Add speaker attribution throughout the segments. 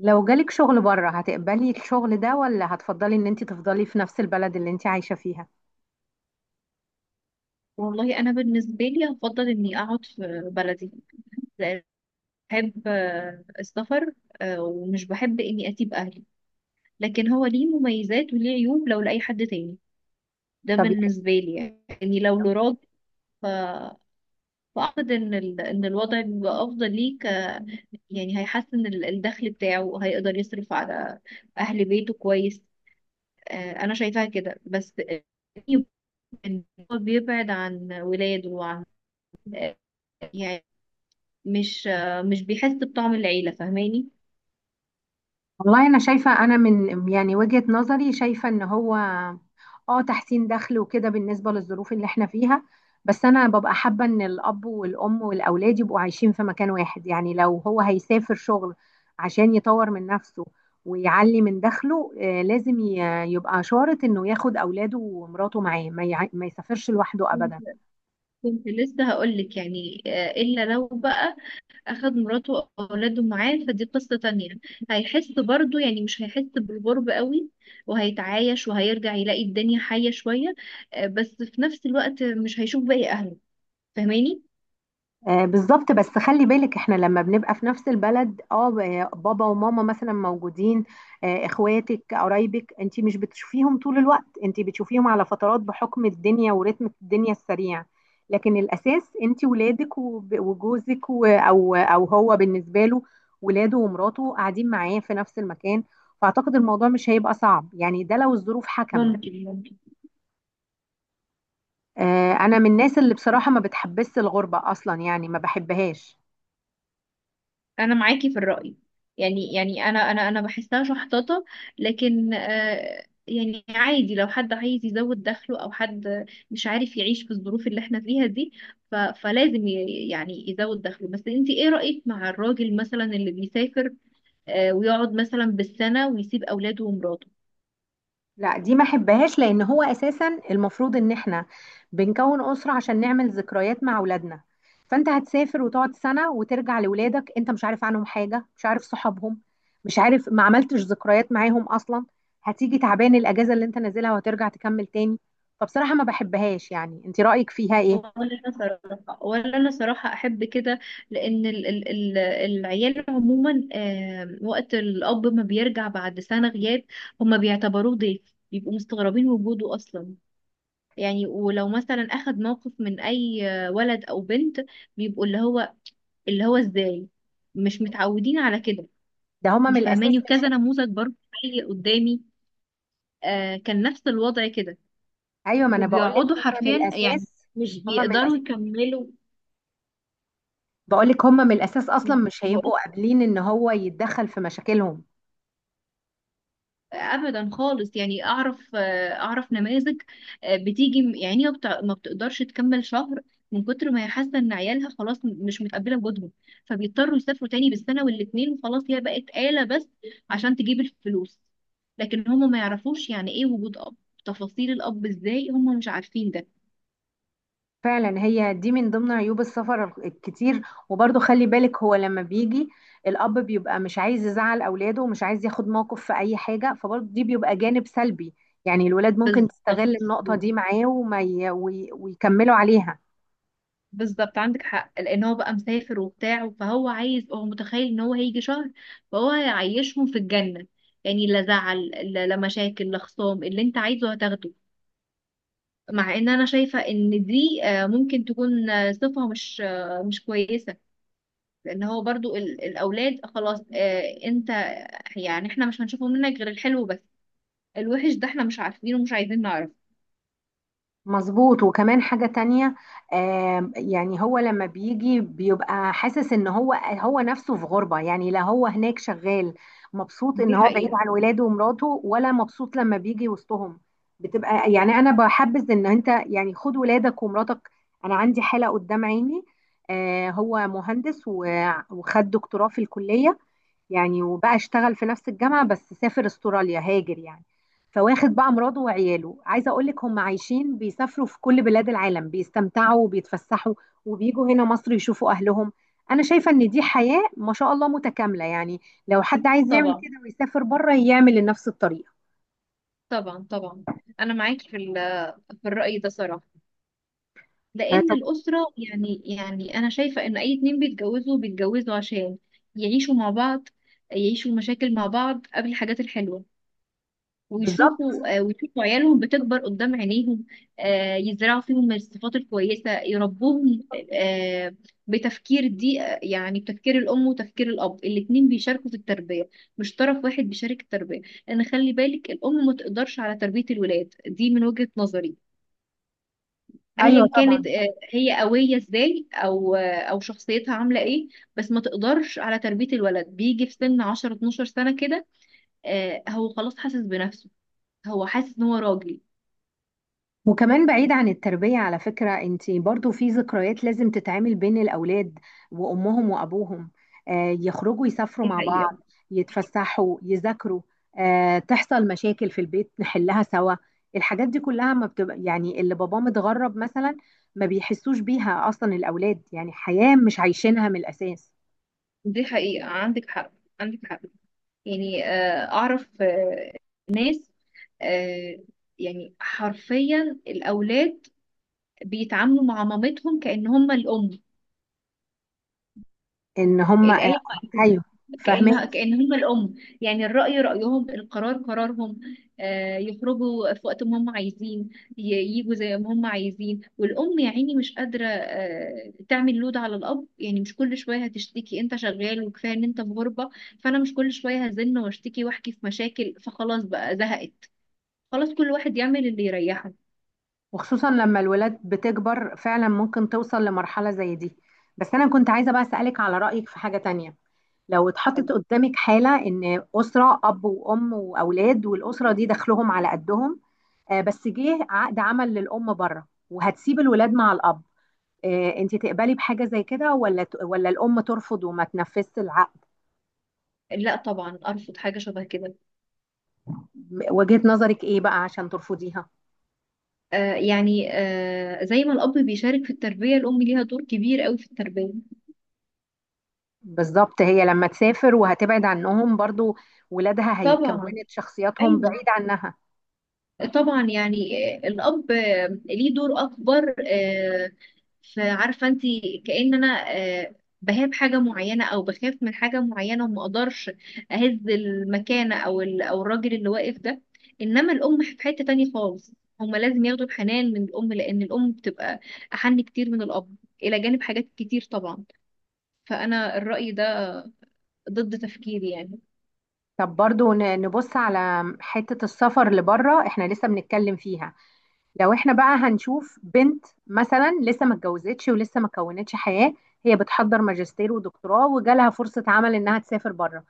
Speaker 1: لو جالك شغل بره هتقبلي الشغل ده، ولا هتفضلي ان انت تفضلي في نفس البلد اللي انت عايشة فيها؟
Speaker 2: والله انا بالنسبه لي هفضل اني اقعد في بلدي، لأن بحب السفر. ومش بحب اني اسيب اهلي، لكن هو ليه مميزات وليه عيوب لو لاي حد تاني. ده
Speaker 1: طب، يعني
Speaker 2: بالنسبه لي يعني لو لراجل. ف... فاعتقد ان ان الوضع بيبقى افضل ليك، يعني هيحسن الدخل بتاعه، هيقدر يصرف على اهل بيته كويس. انا شايفاها كده، بس إن هو بيبعد عن ولاده وعن، يعني مش مش بيحس بطعم العيلة، فاهماني؟
Speaker 1: والله انا شايفة، انا من يعني وجهة نظري شايفة ان هو اه تحسين دخل وكده بالنسبة للظروف اللي احنا فيها، بس انا ببقى حابة ان الاب والام والاولاد يبقوا عايشين في مكان واحد، يعني لو هو هيسافر شغل عشان يطور من نفسه ويعلي من دخله، لازم يبقى شارط انه ياخد اولاده ومراته معاه، ما يسافرش لوحده
Speaker 2: كنت
Speaker 1: ابدا.
Speaker 2: كنت لسه هقولك يعني، إلا لو بقى أخد مراته أو أولاده معاه، فدي قصة تانية. هيحس برضو يعني مش هيحس بالغرب قوي، وهيتعايش وهيرجع يلاقي الدنيا حية شوية. بس في نفس الوقت مش هيشوف باقي أهله، فاهماني؟
Speaker 1: بالظبط، بس خلي بالك احنا لما بنبقى في نفس البلد، بابا وماما مثلا موجودين، اخواتك، قرايبك، انت مش بتشوفيهم طول الوقت، انت بتشوفيهم على فترات بحكم الدنيا ورتم الدنيا السريع، لكن الاساس انت ولادك وجوزك او هو بالنسبه له ولاده ومراته قاعدين معاه في نفس المكان، فاعتقد الموضوع مش هيبقى صعب، يعني ده لو الظروف حكمت.
Speaker 2: ممكن.
Speaker 1: انا من الناس اللي بصراحه ما بتحبس الغربه اصلا، يعني ما بحبهاش.
Speaker 2: انا معاكي في الرأي. يعني انا بحسها شحططة. لكن يعني عادي لو حد عايز يزود دخله، او حد مش عارف يعيش في الظروف اللي احنا فيها دي، يعني يزود دخله. بس انتي ايه رأيك مع الراجل مثلا اللي بيسافر ويقعد مثلا بالسنة ويسيب اولاده ومراته؟
Speaker 1: لا، دي ما احبهاش، لان هو اساسا المفروض ان احنا بنكون اسره عشان نعمل ذكريات مع اولادنا، فانت هتسافر وتقعد سنه وترجع لاولادك انت مش عارف عنهم حاجه، مش عارف صحابهم، مش عارف، ما عملتش ذكريات معاهم اصلا، هتيجي تعبان الاجازه اللي انت نازلها وهترجع تكمل تاني. فبصراحه ما بحبهاش، يعني انت رايك فيها ايه؟
Speaker 2: ولا، انا صراحه، ولا انا صراحه احب كده. لان ال العيال عموما، وقت الاب ما بيرجع بعد سنه غياب، هما بيعتبروه ضيف، بيبقوا مستغربين وجوده اصلا. يعني ولو مثلا اخد موقف من اي ولد او بنت، بيبقوا اللي هو، اللي هو ازاي؟ مش متعودين على كده.
Speaker 1: ده هما
Speaker 2: انت
Speaker 1: من
Speaker 2: فاهماني؟
Speaker 1: الاساس مش،
Speaker 2: وكذا نموذج برضه حي قدامي. كان نفس الوضع كده.
Speaker 1: ايوه ما انا بقول لك
Speaker 2: وبيقعدوا
Speaker 1: هما من
Speaker 2: حرفيا يعني
Speaker 1: الاساس،
Speaker 2: مش
Speaker 1: هما من
Speaker 2: بيقدروا
Speaker 1: الاساس،
Speaker 2: يكملوا.
Speaker 1: بقول لك هما من الاساس اصلا مش هيبقوا قابلين ان هو يتدخل في مشاكلهم.
Speaker 2: ابدا خالص. يعني اعرف، اعرف نماذج، بتيجي ما بتقدرش تكمل شهر، من كتر ما هي حاسه ان عيالها خلاص مش متقبله وجودهم. فبيضطروا يسافروا تاني بالسنه والاتنين، وخلاص هي بقت آلة بس عشان تجيب الفلوس. لكن هما ما يعرفوش يعني ايه وجود اب، تفاصيل الاب ازاي، هما مش عارفين ده.
Speaker 1: فعلا هي دي من ضمن عيوب السفر الكتير، وبرضه خلي بالك هو لما بيجي الأب بيبقى مش عايز يزعل أولاده ومش عايز ياخد موقف في أي حاجة، فبرضه دي بيبقى جانب سلبي، يعني الولاد ممكن
Speaker 2: بالظبط.
Speaker 1: تستغل النقطة دي معاه، ويكملوا عليها.
Speaker 2: بالظبط، عندك حق. لان هو بقى مسافر وبتاع، فهو عايز، هو متخيل ان هو هيجي شهر فهو هيعيشهم في الجنة. يعني لا زعل، لا لا مشاكل، لا خصام، اللي انت عايزه هتاخده. مع ان انا شايفة ان دي، ممكن تكون صفة مش مش كويسة. لان هو برضو الاولاد خلاص، انت يعني احنا مش هنشوفه منك غير الحلو بس. الوحش ده احنا مش عارفينه ومش عايزين نعرفه.
Speaker 1: مظبوط، وكمان حاجة تانية. يعني هو لما بيجي بيبقى حاسس ان هو نفسه في غربة، يعني لا هو هناك شغال مبسوط ان
Speaker 2: دي
Speaker 1: هو بعيد
Speaker 2: حقيقة.
Speaker 1: عن ولاده ومراته، ولا مبسوط لما بيجي وسطهم، بتبقى يعني انا بحبذ ان انت يعني خد ولادك ومراتك. انا عندي حالة قدام عيني، هو مهندس وخد دكتوراه في الكلية، يعني وبقى اشتغل في نفس الجامعة، بس سافر استراليا، هاجر يعني، فواخد بقى مراته وعياله، عايزة اقول لك هم عايشين بيسافروا في كل بلاد العالم، بيستمتعوا وبيتفسحوا وبيجوا هنا مصر يشوفوا اهلهم. انا شايفة ان دي حياة ما شاء الله متكاملة، يعني لو حد عايز يعمل
Speaker 2: طبعا.
Speaker 1: كده ويسافر بره يعمل لنفس الطريقة.
Speaker 2: طبعا. انا معاكي في في الرأي ده صراحة. لان
Speaker 1: طب.
Speaker 2: الاسره، يعني انا شايفه ان اي اتنين بيتجوزوا، بيتجوزوا عشان يعيشوا مع بعض، يعيشوا المشاكل مع بعض قبل الحاجات الحلوه،
Speaker 1: بالظبط.
Speaker 2: ويشوفوا، ويشوفوا عيالهم بتكبر قدام عينيهم. يزرعوا فيهم الصفات الكويسه، يربوهم. آه، بتفكير دي، يعني بتفكير الام وتفكير الاب، الاتنين بيشاركوا في التربيه، مش طرف واحد بيشارك التربيه. لان خلي بالك، الام ما تقدرش على تربيه الولاد دي، من وجهه نظري،
Speaker 1: ايوه
Speaker 2: ايا
Speaker 1: طبعا.
Speaker 2: كانت، هي قويه ازاي او او شخصيتها عامله ايه. بس ما تقدرش على تربيه الولد، بيجي في سن 10 12 سنه كده. هو خلاص حاسس بنفسه، هو حاسس ان هو راجل.
Speaker 1: وكمان بعيد عن التربية، على فكرة انتي برضو في ذكريات لازم تتعمل بين الأولاد وأمهم وأبوهم، يخرجوا يسافروا
Speaker 2: دي
Speaker 1: مع
Speaker 2: حقيقه.
Speaker 1: بعض، يتفسحوا، يذاكروا، تحصل مشاكل في البيت نحلها سوا، الحاجات دي كلها ما بتبقى، يعني اللي باباه متغرب مثلا ما بيحسوش بيها أصلا الأولاد، يعني حياة مش عايشينها من الأساس.
Speaker 2: دي حقيقه. عندك حق. عندك حق. يعني اعرف ناس، آه، يعني حرفيا الاولاد بيتعاملوا مع مامتهم كأن هم الام.
Speaker 1: إن هم آه،
Speaker 2: الآية،
Speaker 1: أيوه، فاهمة.
Speaker 2: كأنها كأنهم الأم. يعني الرأي رأيهم، القرار قرارهم. يخرجوا في وقت ما هم عايزين، يجوا زي ما هم عايزين. والأم يا عيني مش قادرة تعمل لود على الأب، يعني مش كل شوية هتشتكي أنت شغال، وكفاية إن أنت في غربة. فأنا مش كل شوية هزن واشتكي وأحكي في مشاكل، فخلاص بقى زهقت، خلاص كل واحد يعمل اللي يريحه.
Speaker 1: وخصوصا لما الولاد بتكبر فعلا ممكن توصل لمرحلة زي دي، بس أنا كنت عايزة بقى أسألك على رأيك في حاجة تانية، لو اتحطت قدامك حالة إن أسرة أب وأم وأولاد، والأسرة دي دخلهم على قدهم، بس جه عقد عمل للأم بره، وهتسيب الولاد مع الأب، أنت تقبلي بحاجة زي كده، ولا الأم ترفض وما تنفذش العقد؟
Speaker 2: لا طبعا أرفض حاجة شبه كده.
Speaker 1: وجهة نظرك إيه بقى عشان ترفضيها؟
Speaker 2: يعني زي ما الأب بيشارك في التربية، الأم ليها دور كبير قوي في التربية.
Speaker 1: بالظبط، هي لما تسافر وهتبعد عنهم برضو ولادها
Speaker 2: طبعا.
Speaker 1: هيكونت شخصياتهم
Speaker 2: أيوه.
Speaker 1: بعيد عنها.
Speaker 2: طبعا يعني، الأب ليه دور أكبر. فعارفة أنت، كأن أنا بهاب حاجة معينة أو بخاف من حاجة معينة، وما أقدرش أهز المكانة أو أو الراجل اللي واقف ده. إنما الأم في حتة تانية خالص. هما لازم ياخدوا الحنان من الأم، لأن الأم بتبقى أحن كتير من الأب، إلى جانب حاجات كتير طبعا. فأنا الرأي ده ضد تفكيري يعني.
Speaker 1: طب برضو نبص على حتة السفر لبره، احنا لسه بنتكلم فيها، لو احنا بقى هنشوف بنت مثلا لسه ما اتجوزتش ولسه ما كونتش حياة، هي بتحضر ماجستير ودكتوراه وجالها فرصة عمل انها تسافر بره،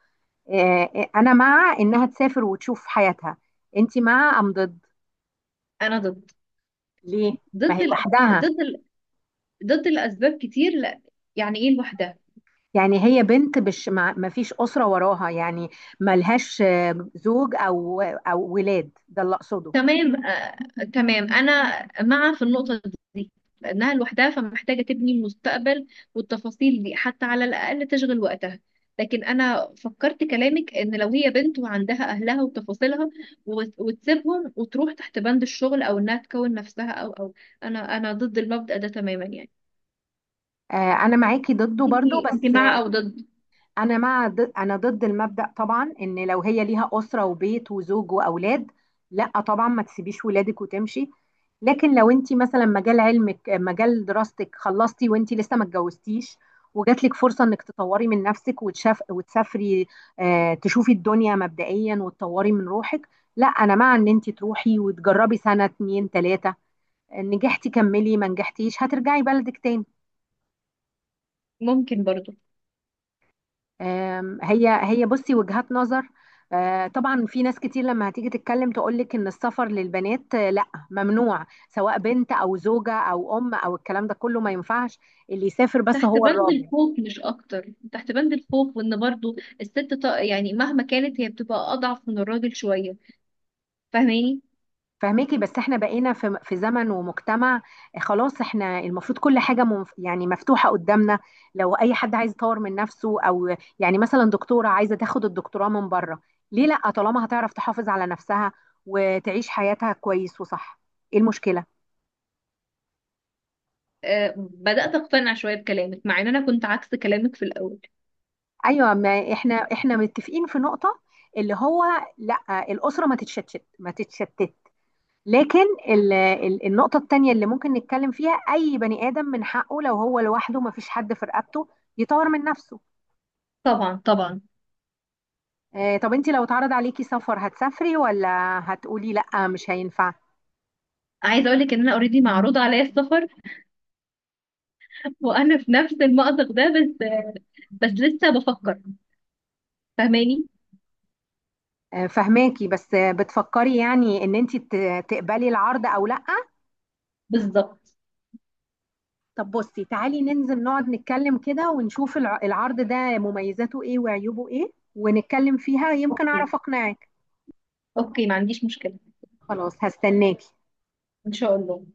Speaker 1: انا مع انها تسافر وتشوف حياتها. انت مع ام ضد؟
Speaker 2: انا ضد.
Speaker 1: ليه؟ ما هي
Speaker 2: ضد الأ...
Speaker 1: لوحدها،
Speaker 2: ضد ال... ضد الاسباب كتير، لا. يعني ايه لوحدها؟
Speaker 1: يعني هي بنت، مش، ما فيش أسرة وراها، يعني ملهاش زوج او ولاد، ده اللي اقصده.
Speaker 2: تمام آه... تمام، انا مع في النقطة دي، لانها لوحدها فمحتاجة تبني المستقبل، والتفاصيل دي حتى على الاقل تشغل وقتها. لكن انا فكرت كلامك، ان لو هي بنت وعندها اهلها وتفاصيلها، وتسيبهم وتروح تحت بند الشغل او انها تكون نفسها او او، انا ضد المبدأ ده تماما يعني.
Speaker 1: آه، انا معاكي ضده
Speaker 2: انت
Speaker 1: برضو،
Speaker 2: انت
Speaker 1: بس
Speaker 2: مع او ضد؟
Speaker 1: انا مع ضد، انا ضد المبدأ طبعا، ان لو هي ليها اسره وبيت وزوج واولاد، لا طبعا ما تسيبيش ولادك وتمشي، لكن لو انت مثلا مجال علمك مجال دراستك خلصتي وانت لسه ما اتجوزتيش، وجات لك فرصه انك تطوري من نفسك وتشاف وتسافري، تشوفي الدنيا مبدئيا وتطوري من روحك، لا انا مع ان انت تروحي وتجربي سنه اتنين تلاته، نجحتي كملي، ما نجحتيش هترجعي بلدك تاني.
Speaker 2: ممكن برضو.
Speaker 1: هي بصي، وجهات نظر، طبعا في ناس كتير لما هتيجي تتكلم تقولك ان السفر للبنات لا، ممنوع، سواء بنت او زوجة او ام، او الكلام ده كله ما ينفعش، اللي يسافر بس
Speaker 2: تحت
Speaker 1: هو
Speaker 2: بند
Speaker 1: الراجل.
Speaker 2: الخوف مش اكتر، تحت بند الخوف، وان برضو الست يعني مهما كانت هي بتبقى اضعف من الراجل شوية، فاهماني؟
Speaker 1: فهماكي، بس احنا بقينا في زمن ومجتمع، خلاص احنا المفروض كل حاجة يعني مفتوحة قدامنا، لو اي حد عايز يطور من نفسه او، يعني مثلا دكتورة عايزة تاخد الدكتوراه من بره، ليه لا؟ طالما هتعرف تحافظ على نفسها وتعيش حياتها كويس وصح، ايه المشكلة؟
Speaker 2: آه، بدأت اقتنع شوية بكلامك، مع ان انا كنت عكس كلامك في الاول.
Speaker 1: ايوه، ما احنا متفقين في نقطه، اللي هو لا، الاسره ما تتشتت ما تتشتت، لكن ال النقطه التانيه اللي ممكن نتكلم فيها، اي بني ادم من حقه لو هو لوحده ما فيش حد في رقبته يطور من نفسه.
Speaker 2: طبعا. طبعا.
Speaker 1: طب انت لو اتعرض عليكي سفر هتسافري، ولا هتقولي لا مش هينفع؟
Speaker 2: عايزة اقول لك ان انا اوريدي معروض عليا السفر، وانا في نفس المأزق ده، بس بس لسه بفكر، فاهماني؟
Speaker 1: فهماكي، بس بتفكري يعني ان انت تقبلي العرض او لا؟
Speaker 2: بالظبط.
Speaker 1: طب بصي، تعالي ننزل نقعد نتكلم كده ونشوف العرض ده، مميزاته ايه وعيوبه ايه، ونتكلم فيها يمكن
Speaker 2: اوكي.
Speaker 1: اعرف اقنعك.
Speaker 2: اوكي ما عنديش مشكلة.
Speaker 1: خلاص، هستناكي.
Speaker 2: ان شاء الله.